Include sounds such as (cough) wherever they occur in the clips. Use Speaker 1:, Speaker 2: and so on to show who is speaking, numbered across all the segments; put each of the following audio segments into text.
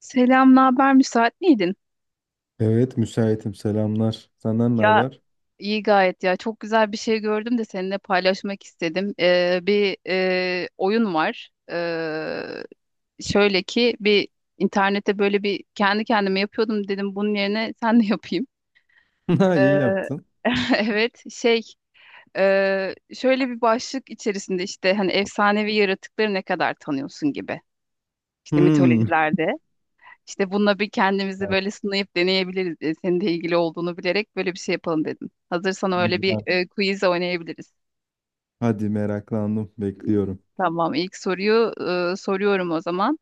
Speaker 1: Selam, ne haber? Müsait miydin?
Speaker 2: Evet, müsaitim. Selamlar. Senden ne
Speaker 1: Ya
Speaker 2: haber?
Speaker 1: iyi gayet ya. Çok güzel bir şey gördüm de seninle paylaşmak istedim. Bir oyun var. Şöyle ki bir internette böyle bir kendi kendime yapıyordum dedim bunun yerine (laughs) sen de yapayım.
Speaker 2: (laughs) Ha, iyi
Speaker 1: Ee,
Speaker 2: yaptın.
Speaker 1: (laughs) evet şey şöyle bir başlık içerisinde işte hani efsanevi yaratıkları ne kadar tanıyorsun gibi. İşte
Speaker 2: Hmm.
Speaker 1: mitolojilerde. İşte bununla bir kendimizi böyle sınayıp deneyebiliriz. E, senin de ilgili olduğunu bilerek böyle bir şey yapalım dedim. Hazırsan öyle bir
Speaker 2: Güzel.
Speaker 1: quiz oynayabiliriz.
Speaker 2: Hadi meraklandım. Bekliyorum.
Speaker 1: Tamam, ilk soruyu soruyorum o zaman.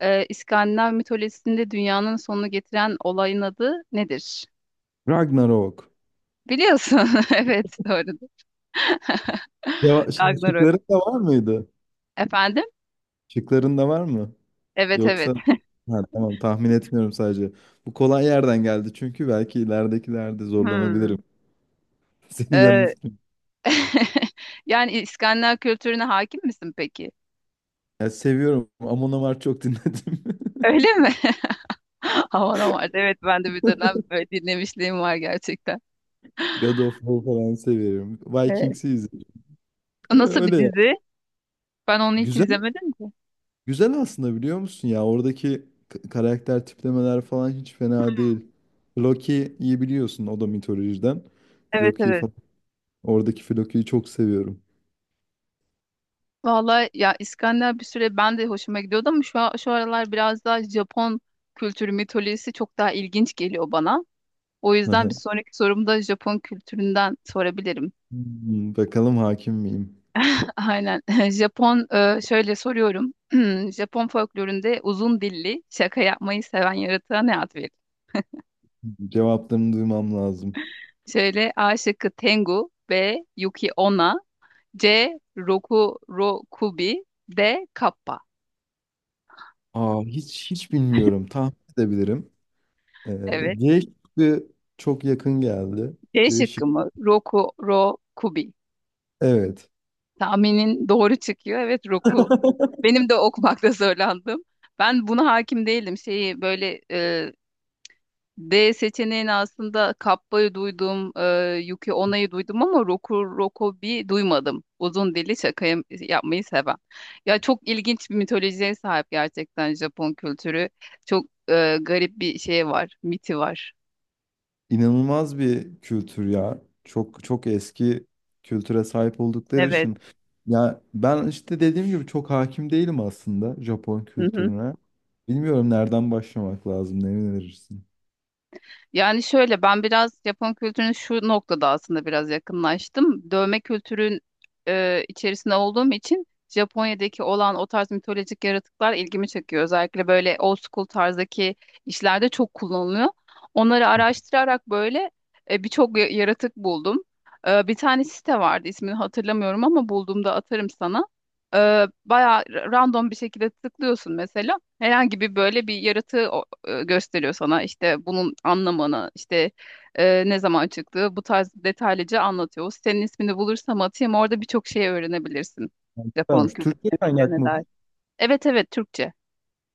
Speaker 1: E, İskandinav mitolojisinde dünyanın sonunu getiren olayın adı nedir?
Speaker 2: Ragnarok.
Speaker 1: Biliyorsun. (laughs) Evet, doğru.
Speaker 2: Ya,
Speaker 1: (laughs)
Speaker 2: şimdi
Speaker 1: Ragnarok.
Speaker 2: şıkların da var mıydı?
Speaker 1: Efendim?
Speaker 2: Şıkların da var mı?
Speaker 1: Evet, evet.
Speaker 2: Yoksa... Ha, tamam, tahmin etmiyorum sadece. Bu kolay yerden geldi çünkü belki ileridekilerde zorlanabilirim.
Speaker 1: Hmm.
Speaker 2: (laughs) Seni
Speaker 1: E,
Speaker 2: yanıltmayayım.
Speaker 1: (laughs) yani İskandinav kültürüne hakim misin peki?
Speaker 2: Ya, seviyorum. Amon Amarth çok dinledim. (laughs)
Speaker 1: Öyle mi? (laughs) (laughs) Havana vardı. Evet ben de bir dönem böyle dinlemişliğim var gerçekten.
Speaker 2: God of War falan seviyorum.
Speaker 1: Evet.
Speaker 2: Vikings'i izledim.
Speaker 1: Nasıl bir
Speaker 2: Öyle ya.
Speaker 1: dizi? Ben onu hiç
Speaker 2: Güzel
Speaker 1: izlemedim ki.
Speaker 2: Güzel aslında biliyor musun, ya oradaki karakter tiplemeler falan hiç fena değil. Loki'yi biliyorsun, o da mitolojiden.
Speaker 1: Evet
Speaker 2: Loki'yi
Speaker 1: evet.
Speaker 2: falan. Oradaki Loki'yi çok seviyorum.
Speaker 1: Vallahi ya İskandinav bir süre ben de hoşuma gidiyordu ama şu, şu aralar biraz daha Japon kültürü mitolojisi çok daha ilginç geliyor bana. O yüzden
Speaker 2: Aha.
Speaker 1: bir sonraki sorumda Japon kültüründen sorabilirim.
Speaker 2: Hmm, bakalım hakim miyim?
Speaker 1: (laughs) Aynen. (laughs) Japon şöyle soruyorum. (clears throat) Japon folkloründe uzun dilli şaka yapmayı seven yaratığa ne ad verilir?
Speaker 2: Cevaplarını duymam lazım.
Speaker 1: Şöyle A şıkkı Tengu, B Yuki Onna, C Roku Ro Kubi, D Kappa.
Speaker 2: Aa, hiç bilmiyorum. Tahmin edebilirim.
Speaker 1: Evet.
Speaker 2: C şıkkı çok yakın geldi.
Speaker 1: C
Speaker 2: C şık.
Speaker 1: şıkkı mı? Roku Ro Kubi.
Speaker 2: Evet.
Speaker 1: Tahminin doğru çıkıyor. Evet Roku. Benim de okumakta zorlandım. Ben buna hakim değildim. Şeyi böyle D seçeneğini aslında Kappa'yı duydum, Yuki Ona'yı duydum ama Roku Rokobi duymadım. Uzun dili şaka yapmayı seven. Ya çok ilginç bir mitolojiye sahip gerçekten Japon kültürü. Çok garip bir şey var, miti var.
Speaker 2: İnanılmaz bir kültür ya. Çok çok eski kültüre sahip oldukları
Speaker 1: Evet.
Speaker 2: için. Ya ben işte dediğim gibi çok hakim değilim aslında Japon
Speaker 1: (laughs)
Speaker 2: kültürüne. Bilmiyorum nereden başlamak lazım, ne önerirsin?
Speaker 1: Yani şöyle ben biraz Japon kültürüne şu noktada aslında biraz yakınlaştım. Dövme kültürün içerisinde olduğum için Japonya'daki olan o tarz mitolojik yaratıklar ilgimi çekiyor. Özellikle böyle old school tarzdaki işlerde çok kullanılıyor. Onları araştırarak böyle birçok yaratık buldum. E, bir tane site vardı ismini hatırlamıyorum ama bulduğumda atarım sana. E, bayağı random bir şekilde tıklıyorsun mesela. Herhangi bir böyle bir yaratığı gösteriyor sana. İşte bunun anlamını, işte ne zaman çıktığı bu tarz detaylıca anlatıyor. O sitenin ismini bulursam atayım orada birçok şey öğrenebilirsin. Japon
Speaker 2: Vermiş. Türkçe
Speaker 1: kültürüne nedir,
Speaker 2: kaynak
Speaker 1: ne
Speaker 2: mı bu?
Speaker 1: dair. Evet evet Türkçe.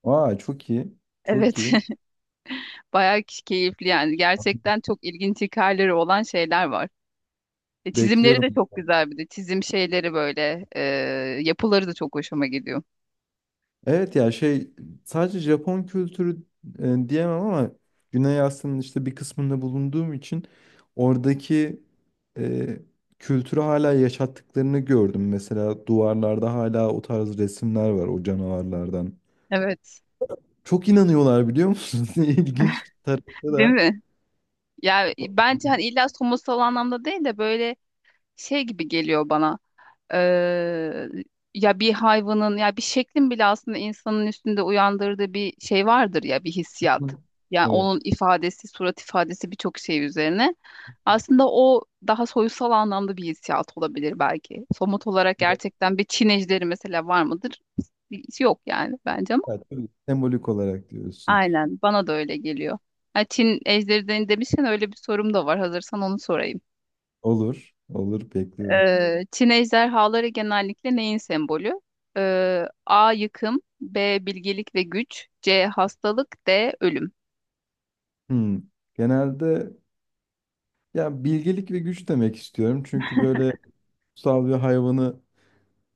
Speaker 2: Aa, çok iyi. Çok
Speaker 1: Evet
Speaker 2: iyi.
Speaker 1: (laughs) bayağı keyifli yani gerçekten çok ilginç hikayeleri olan şeyler var. E, çizimleri
Speaker 2: Bekliyorum.
Speaker 1: de çok güzel bir de çizim şeyleri böyle yapıları da çok hoşuma gidiyor.
Speaker 2: Evet ya, şey, sadece Japon kültürü diyemem ama Güney Asya'nın işte bir kısmında bulunduğum için oradaki e, kültürü hala yaşattıklarını gördüm. Mesela duvarlarda hala o tarz resimler var, o canavarlardan.
Speaker 1: Evet.
Speaker 2: Çok inanıyorlar biliyor musunuz? (laughs) İlginç bir tarafı
Speaker 1: Değil
Speaker 2: da.
Speaker 1: mi? Ya
Speaker 2: bu-
Speaker 1: bence hani illa somutsal anlamda değil de böyle şey gibi geliyor bana. Eee, ya bir hayvanın ya bir şeklin bile aslında insanın üstünde uyandırdığı bir şey vardır ya bir hissiyat. Yani
Speaker 2: Evet.
Speaker 1: onun ifadesi, surat ifadesi birçok şey üzerine. Aslında o daha soyutsal anlamda bir hissiyat olabilir belki. Somut olarak
Speaker 2: (laughs)
Speaker 1: gerçekten bir Çin ejderi mesela var mıdır? Hiç yok yani bence ama
Speaker 2: Evet, tabii, sembolik olarak diyorsun.
Speaker 1: aynen bana da öyle geliyor. Ha, Çin ejderi demişken öyle bir sorum da var. Hazırsan onu sorayım.
Speaker 2: Olur, olur, bekliyorum.
Speaker 1: Çin ejderhaları genellikle neyin sembolü? A. Yıkım, B. Bilgelik ve güç, C. Hastalık, D. Ölüm.
Speaker 2: Hmm. Genelde ya bilgelik ve güç demek istiyorum. Çünkü böyle kutsal bir hayvanı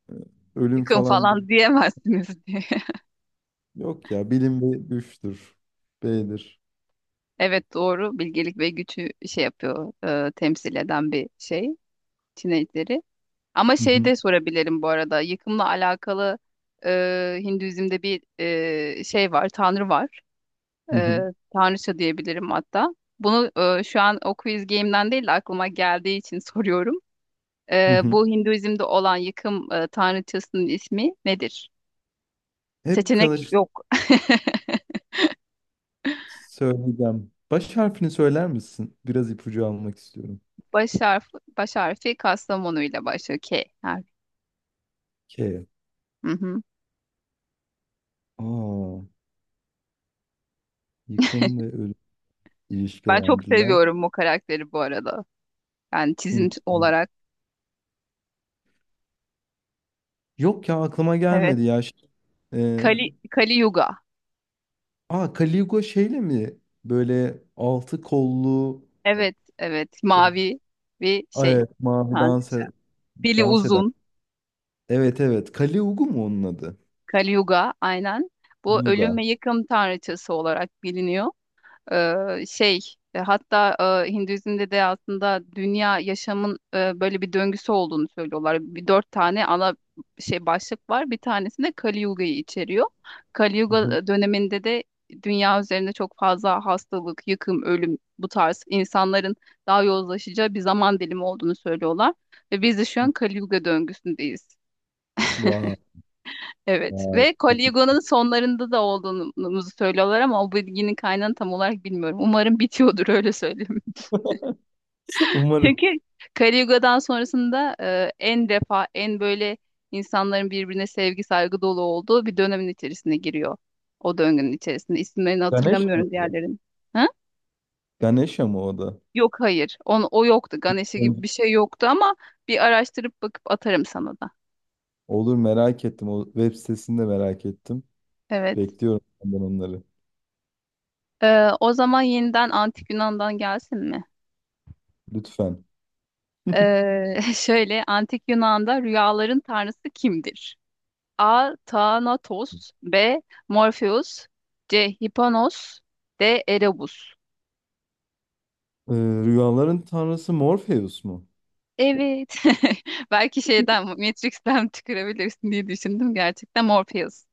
Speaker 2: e, ölüm
Speaker 1: Yıkım
Speaker 2: falan gibi.
Speaker 1: falan diyemezsiniz (laughs) diye.
Speaker 2: Yok ya, bilim bir güçtür. B'dir.
Speaker 1: Evet doğru bilgelik ve gücü şey yapıyor, temsil eden bir şey Çin ejderi. Ama
Speaker 2: Hı
Speaker 1: şey
Speaker 2: hı,
Speaker 1: de sorabilirim bu arada. Yıkımla alakalı Hinduizm'de bir şey var, tanrı var.
Speaker 2: hı
Speaker 1: E,
Speaker 2: hı,
Speaker 1: tanrıça diyebilirim hatta. Bunu şu an o quiz game'den değil de aklıma geldiği için (laughs) soruyorum.
Speaker 2: hı hı.
Speaker 1: Bu Hinduizm'de olan yıkım tanrıçasının ismi nedir?
Speaker 2: Hep
Speaker 1: Seçenek
Speaker 2: kalır,
Speaker 1: yok.
Speaker 2: söyleyeceğim. Baş harfini söyler misin? Biraz ipucu almak istiyorum.
Speaker 1: (laughs) Baş harfi, baş harfi Kastamonu ile başlıyor. K harfi.
Speaker 2: K.
Speaker 1: Hı hı.
Speaker 2: Aa, yıkım ve ölüm
Speaker 1: Ben çok
Speaker 2: ilişkilendirilen
Speaker 1: seviyorum bu karakteri bu arada. Yani çizim
Speaker 2: Hint.
Speaker 1: olarak.
Speaker 2: Yok ya, aklıma
Speaker 1: Evet.
Speaker 2: gelmedi ya. Şey, E,
Speaker 1: Kali, Kali Yuga.
Speaker 2: aa, Caligo şeyle mi? Böyle altı kollu,
Speaker 1: Evet, evet.
Speaker 2: e,
Speaker 1: Mavi bir şey.
Speaker 2: evet, mavi dans,
Speaker 1: Tanrıça. Dili
Speaker 2: dans eden.
Speaker 1: uzun.
Speaker 2: Evet evet. Kali Ugu mu onun adı?
Speaker 1: Kali Yuga aynen. Bu ölüm
Speaker 2: Uga.
Speaker 1: ve yıkım tanrıçası olarak biliniyor. Şey hatta Hinduizm'de de aslında dünya yaşamın böyle bir döngüsü olduğunu söylüyorlar. Bir dört tane ana şey başlık var. Bir tanesi de Kali Yuga'yı içeriyor. Kali
Speaker 2: Hı hı.
Speaker 1: Yuga döneminde de dünya üzerinde çok fazla hastalık, yıkım, ölüm bu tarz insanların daha yozlaşacağı bir zaman dilimi olduğunu söylüyorlar. Ve biz de şu an Kali Yuga döngüsündeyiz.
Speaker 2: Vay.
Speaker 1: Evet
Speaker 2: Vay.
Speaker 1: ve
Speaker 2: Çok iyi.
Speaker 1: Caligula'nın sonlarında da olduğumuzu söylüyorlar ama o bilginin kaynağını tam olarak bilmiyorum. Umarım bitiyordur öyle söyleyeyim.
Speaker 2: (laughs)
Speaker 1: (laughs)
Speaker 2: Umarım.
Speaker 1: Çünkü Caligula'dan sonrasında en defa en böyle insanların birbirine sevgi saygı dolu olduğu bir dönemin içerisine giriyor. O döngünün içerisinde. İsimlerini
Speaker 2: Ganesha mı?
Speaker 1: hatırlamıyorum diğerlerin. Ha?
Speaker 2: Ganesha mı o da?
Speaker 1: Yok hayır. O yoktu. Ganesha
Speaker 2: Hı.
Speaker 1: gibi bir şey yoktu ama bir araştırıp bakıp atarım sana da.
Speaker 2: Olur, merak ettim. O web sitesini de merak ettim.
Speaker 1: Evet.
Speaker 2: Bekliyorum senden onları.
Speaker 1: E, o zaman yeniden Antik Yunan'dan gelsin mi?
Speaker 2: Lütfen.
Speaker 1: (laughs) Şöyle antik Yunan'da rüyaların tanrısı kimdir? A. Thanatos, B. Morpheus, C. Hipanos, D. Erebus.
Speaker 2: Ee, rüyaların tanrısı Morpheus mu?
Speaker 1: Evet. (laughs) Belki şeyden Matrix'ten (laughs) tükürebilirsin diye düşündüm. Gerçekten Morpheus.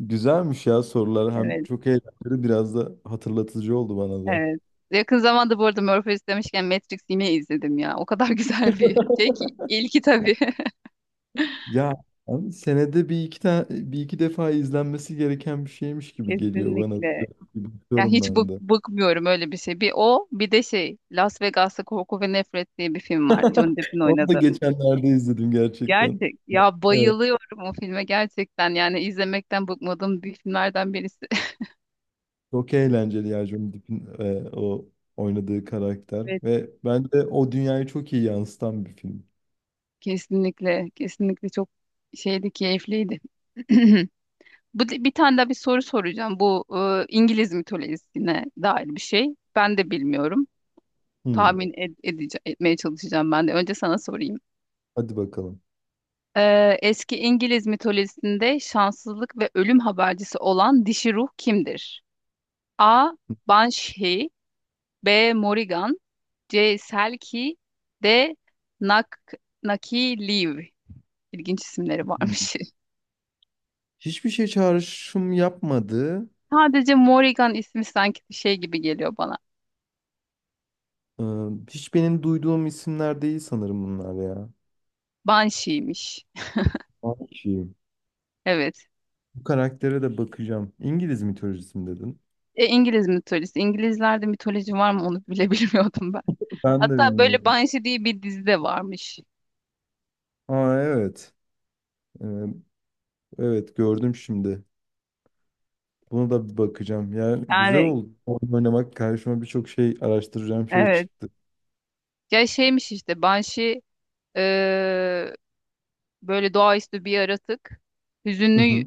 Speaker 2: Güzelmiş ya sorular. Hem
Speaker 1: Evet,
Speaker 2: çok eğlenceli, biraz da hatırlatıcı oldu bana da.
Speaker 1: evet. Yakın zamanda bu arada Morpheus demişken Matrix yine izledim ya. O kadar (laughs) güzel bir şey ki.
Speaker 2: (laughs)
Speaker 1: İlki tabii.
Speaker 2: Ya abi, senede bir iki tane, bir iki defa izlenmesi gereken bir şeymiş
Speaker 1: (laughs)
Speaker 2: gibi geliyor bana.
Speaker 1: Kesinlikle. Ya
Speaker 2: Bakıyorum
Speaker 1: hiç
Speaker 2: ben de.
Speaker 1: bıkmıyorum öyle bir şey. Bir o bir de şey Las Vegas'ta Korku ve Nefret diye bir film var. Johnny Depp'in
Speaker 2: Onu da
Speaker 1: oynadığı.
Speaker 2: geçenlerde izledim gerçekten.
Speaker 1: Gerçek. Ya
Speaker 2: Evet,
Speaker 1: bayılıyorum o filme gerçekten. Yani izlemekten bıkmadığım bir filmlerden birisi. (laughs)
Speaker 2: çok eğlenceli ya, Johnny Depp'in o oynadığı karakter
Speaker 1: Evet.
Speaker 2: ve bence o dünyayı çok iyi yansıtan bir film.
Speaker 1: Kesinlikle. Kesinlikle çok şeydi keyifliydi. (clears throat) Bir tane daha bir soru soracağım. Bu İngiliz mitolojisine dair bir şey. Ben de bilmiyorum.
Speaker 2: Hmm,
Speaker 1: Tahmin etmeye çalışacağım ben de. Önce sana sorayım.
Speaker 2: hadi bakalım.
Speaker 1: Eski İngiliz mitolojisinde şanssızlık ve ölüm habercisi olan dişi ruh kimdir? A. Banshee, B. Morrigan, C. Selkie, D. Nak Nakiliv. İlginç isimleri
Speaker 2: Hmm.
Speaker 1: varmış.
Speaker 2: Hiçbir şey çağrışım yapmadı.
Speaker 1: (laughs) Sadece Morrigan ismi sanki bir şey gibi geliyor bana.
Speaker 2: Ee, hiç benim duyduğum isimler değil sanırım bunlar ya.
Speaker 1: Banshee'miş.
Speaker 2: Banshee.
Speaker 1: Evet.
Speaker 2: Bu karaktere de bakacağım. İngiliz mitolojisi mi dedin?
Speaker 1: E, İngiliz mitolojisi. İngilizlerde mitoloji var mı onu bile (laughs) bilmiyordum ben.
Speaker 2: Ben de
Speaker 1: Hatta böyle
Speaker 2: bilmiyorum.
Speaker 1: Banshee diye bir dizi de varmış.
Speaker 2: Aa evet. Ee, evet, gördüm şimdi. Buna da bir bakacağım. Yani güzel
Speaker 1: Yani
Speaker 2: oldu. Oyun oynamak, karşıma birçok şey araştıracağım şey
Speaker 1: evet.
Speaker 2: çıktı.
Speaker 1: Ya şeymiş işte Banshee eee, böyle doğaüstü bir yaratık.
Speaker 2: Hı
Speaker 1: Hüzünlü
Speaker 2: hı.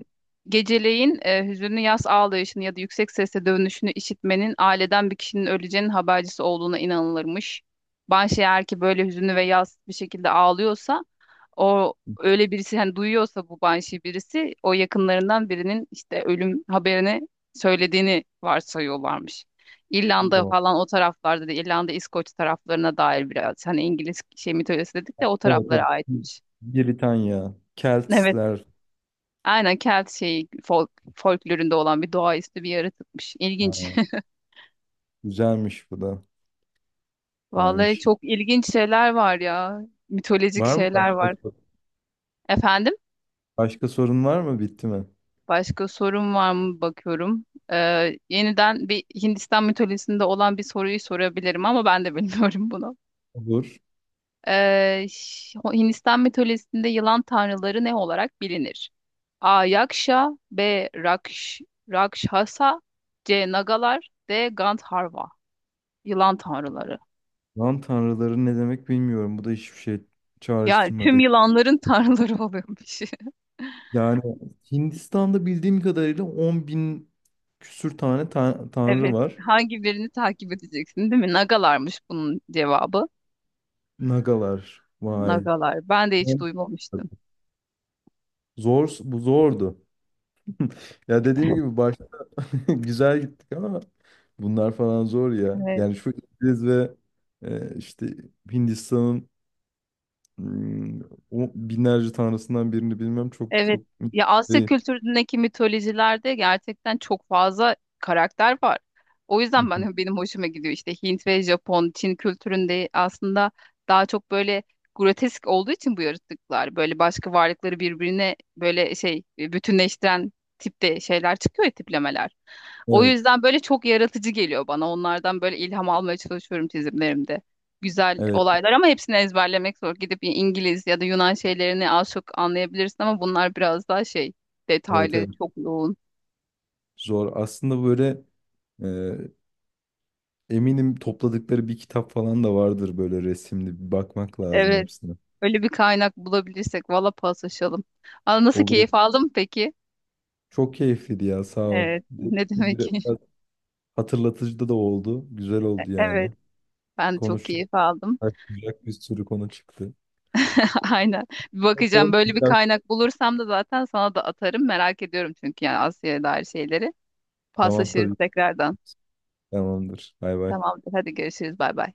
Speaker 1: geceleyin hüzünlü yaz ağlayışını ya da yüksek sesle dövünüşünü işitmenin aileden bir kişinin öleceğinin habercisi olduğuna inanılırmış. Banshee eğer ki böyle hüzünlü ve yaz bir şekilde ağlıyorsa o öyle birisi hani duyuyorsa bu banshee birisi o yakınlarından birinin işte ölüm haberini söylediğini varsayıyorlarmış. İrlanda
Speaker 2: Bu.
Speaker 1: falan o taraflarda da İrlanda İskoç taraflarına dair biraz hani İngiliz şey mitolojisi dedik de
Speaker 2: Evet,
Speaker 1: o taraflara
Speaker 2: evet.
Speaker 1: aitmiş.
Speaker 2: Britanya.
Speaker 1: Evet.
Speaker 2: Keltler.
Speaker 1: Aynen Kelt şeyi folklorunda olan bir doğaüstü bir yaratıkmış. İlginç.
Speaker 2: Ha, güzelmiş bu da.
Speaker 1: (laughs) Vallahi
Speaker 2: Varmış.
Speaker 1: çok ilginç şeyler var ya. Mitolojik
Speaker 2: Var mı
Speaker 1: şeyler
Speaker 2: başka
Speaker 1: var.
Speaker 2: sorun?
Speaker 1: Efendim?
Speaker 2: Başka sorun var mı? Bitti mi?
Speaker 1: Başka sorum var mı bakıyorum. Ee, yeniden bir Hindistan mitolojisinde olan bir soruyu sorabilirim ama ben de (laughs) bilmiyorum bunu.
Speaker 2: Olur.
Speaker 1: Hindistan mitolojisinde yılan tanrıları ne olarak bilinir? A. Yaksha, B. Rakshasa, C. Nagalar, D. Gandharva. Yılan tanrıları.
Speaker 2: Lan tanrıları ne demek bilmiyorum. Bu da hiçbir şey
Speaker 1: Yani tüm
Speaker 2: çağrıştırmadı.
Speaker 1: yılanların tanrıları oluyormuş. (laughs)
Speaker 2: Yani Hindistan'da bildiğim kadarıyla 10 bin küsür tane tanrı
Speaker 1: Evet.
Speaker 2: var.
Speaker 1: Hangi birini takip edeceksin değil mi? Nagalarmış bunun cevabı.
Speaker 2: Nagalar. Vay.
Speaker 1: Nagalar. Ben de hiç duymamıştım.
Speaker 2: Zor, bu zordu. Ya dediğim gibi başta (laughs) güzel gittik ama bunlar falan zor ya.
Speaker 1: Evet.
Speaker 2: Yani şu İngiliz ve işte Hindistan'ın, mm, o binlerce tanrısından birini bilmem çok
Speaker 1: Evet.
Speaker 2: çok
Speaker 1: Ya Asya
Speaker 2: değil.
Speaker 1: kültüründeki mitolojilerde gerçekten çok fazla karakter var. O yüzden
Speaker 2: Mhm.
Speaker 1: ben (laughs) benim hoşuma gidiyor işte Hint ve Japon, Çin kültüründe aslında daha çok böyle grotesk olduğu için bu yaratıklar böyle başka varlıkları birbirine böyle şey bütünleştiren tipte şeyler çıkıyor ya, tiplemeler. O
Speaker 2: Evet,
Speaker 1: yüzden böyle çok yaratıcı geliyor bana. Onlardan böyle ilham almaya çalışıyorum çizimlerimde güzel
Speaker 2: evet,
Speaker 1: olaylar ama hepsini ezberlemek zor. Gidip İngiliz ya da Yunan şeylerini az çok anlayabilirsin ama bunlar biraz daha şey
Speaker 2: evet,
Speaker 1: detaylı,
Speaker 2: evet.
Speaker 1: çok yoğun.
Speaker 2: Zor. Aslında böyle eminim topladıkları bir kitap falan da vardır, böyle resimli. Bir bakmak lazım
Speaker 1: Evet.
Speaker 2: hepsine.
Speaker 1: Öyle bir kaynak bulabilirsek valla paslaşalım. Aa, nasıl
Speaker 2: Olur.
Speaker 1: keyif aldım peki?
Speaker 2: Çok keyifliydi ya, sağ ol.
Speaker 1: Evet. Ne demek. (laughs)
Speaker 2: Biraz hatırlatıcı da oldu. Güzel oldu
Speaker 1: Evet.
Speaker 2: yani.
Speaker 1: Ben de çok
Speaker 2: Konuştuk.
Speaker 1: keyif aldım.
Speaker 2: Aklayacak bir sürü konu çıktı.
Speaker 1: (laughs) Aynen. Bir bakacağım
Speaker 2: Bakalım.
Speaker 1: böyle bir kaynak bulursam da zaten sana da atarım. Merak ediyorum çünkü yani Asya'ya dair şeyleri.
Speaker 2: Tamam,
Speaker 1: Paslaşırız
Speaker 2: tabii.
Speaker 1: tekrardan.
Speaker 2: Tamamdır. Bay bay.
Speaker 1: Tamamdır. Hadi görüşürüz. Bay bay.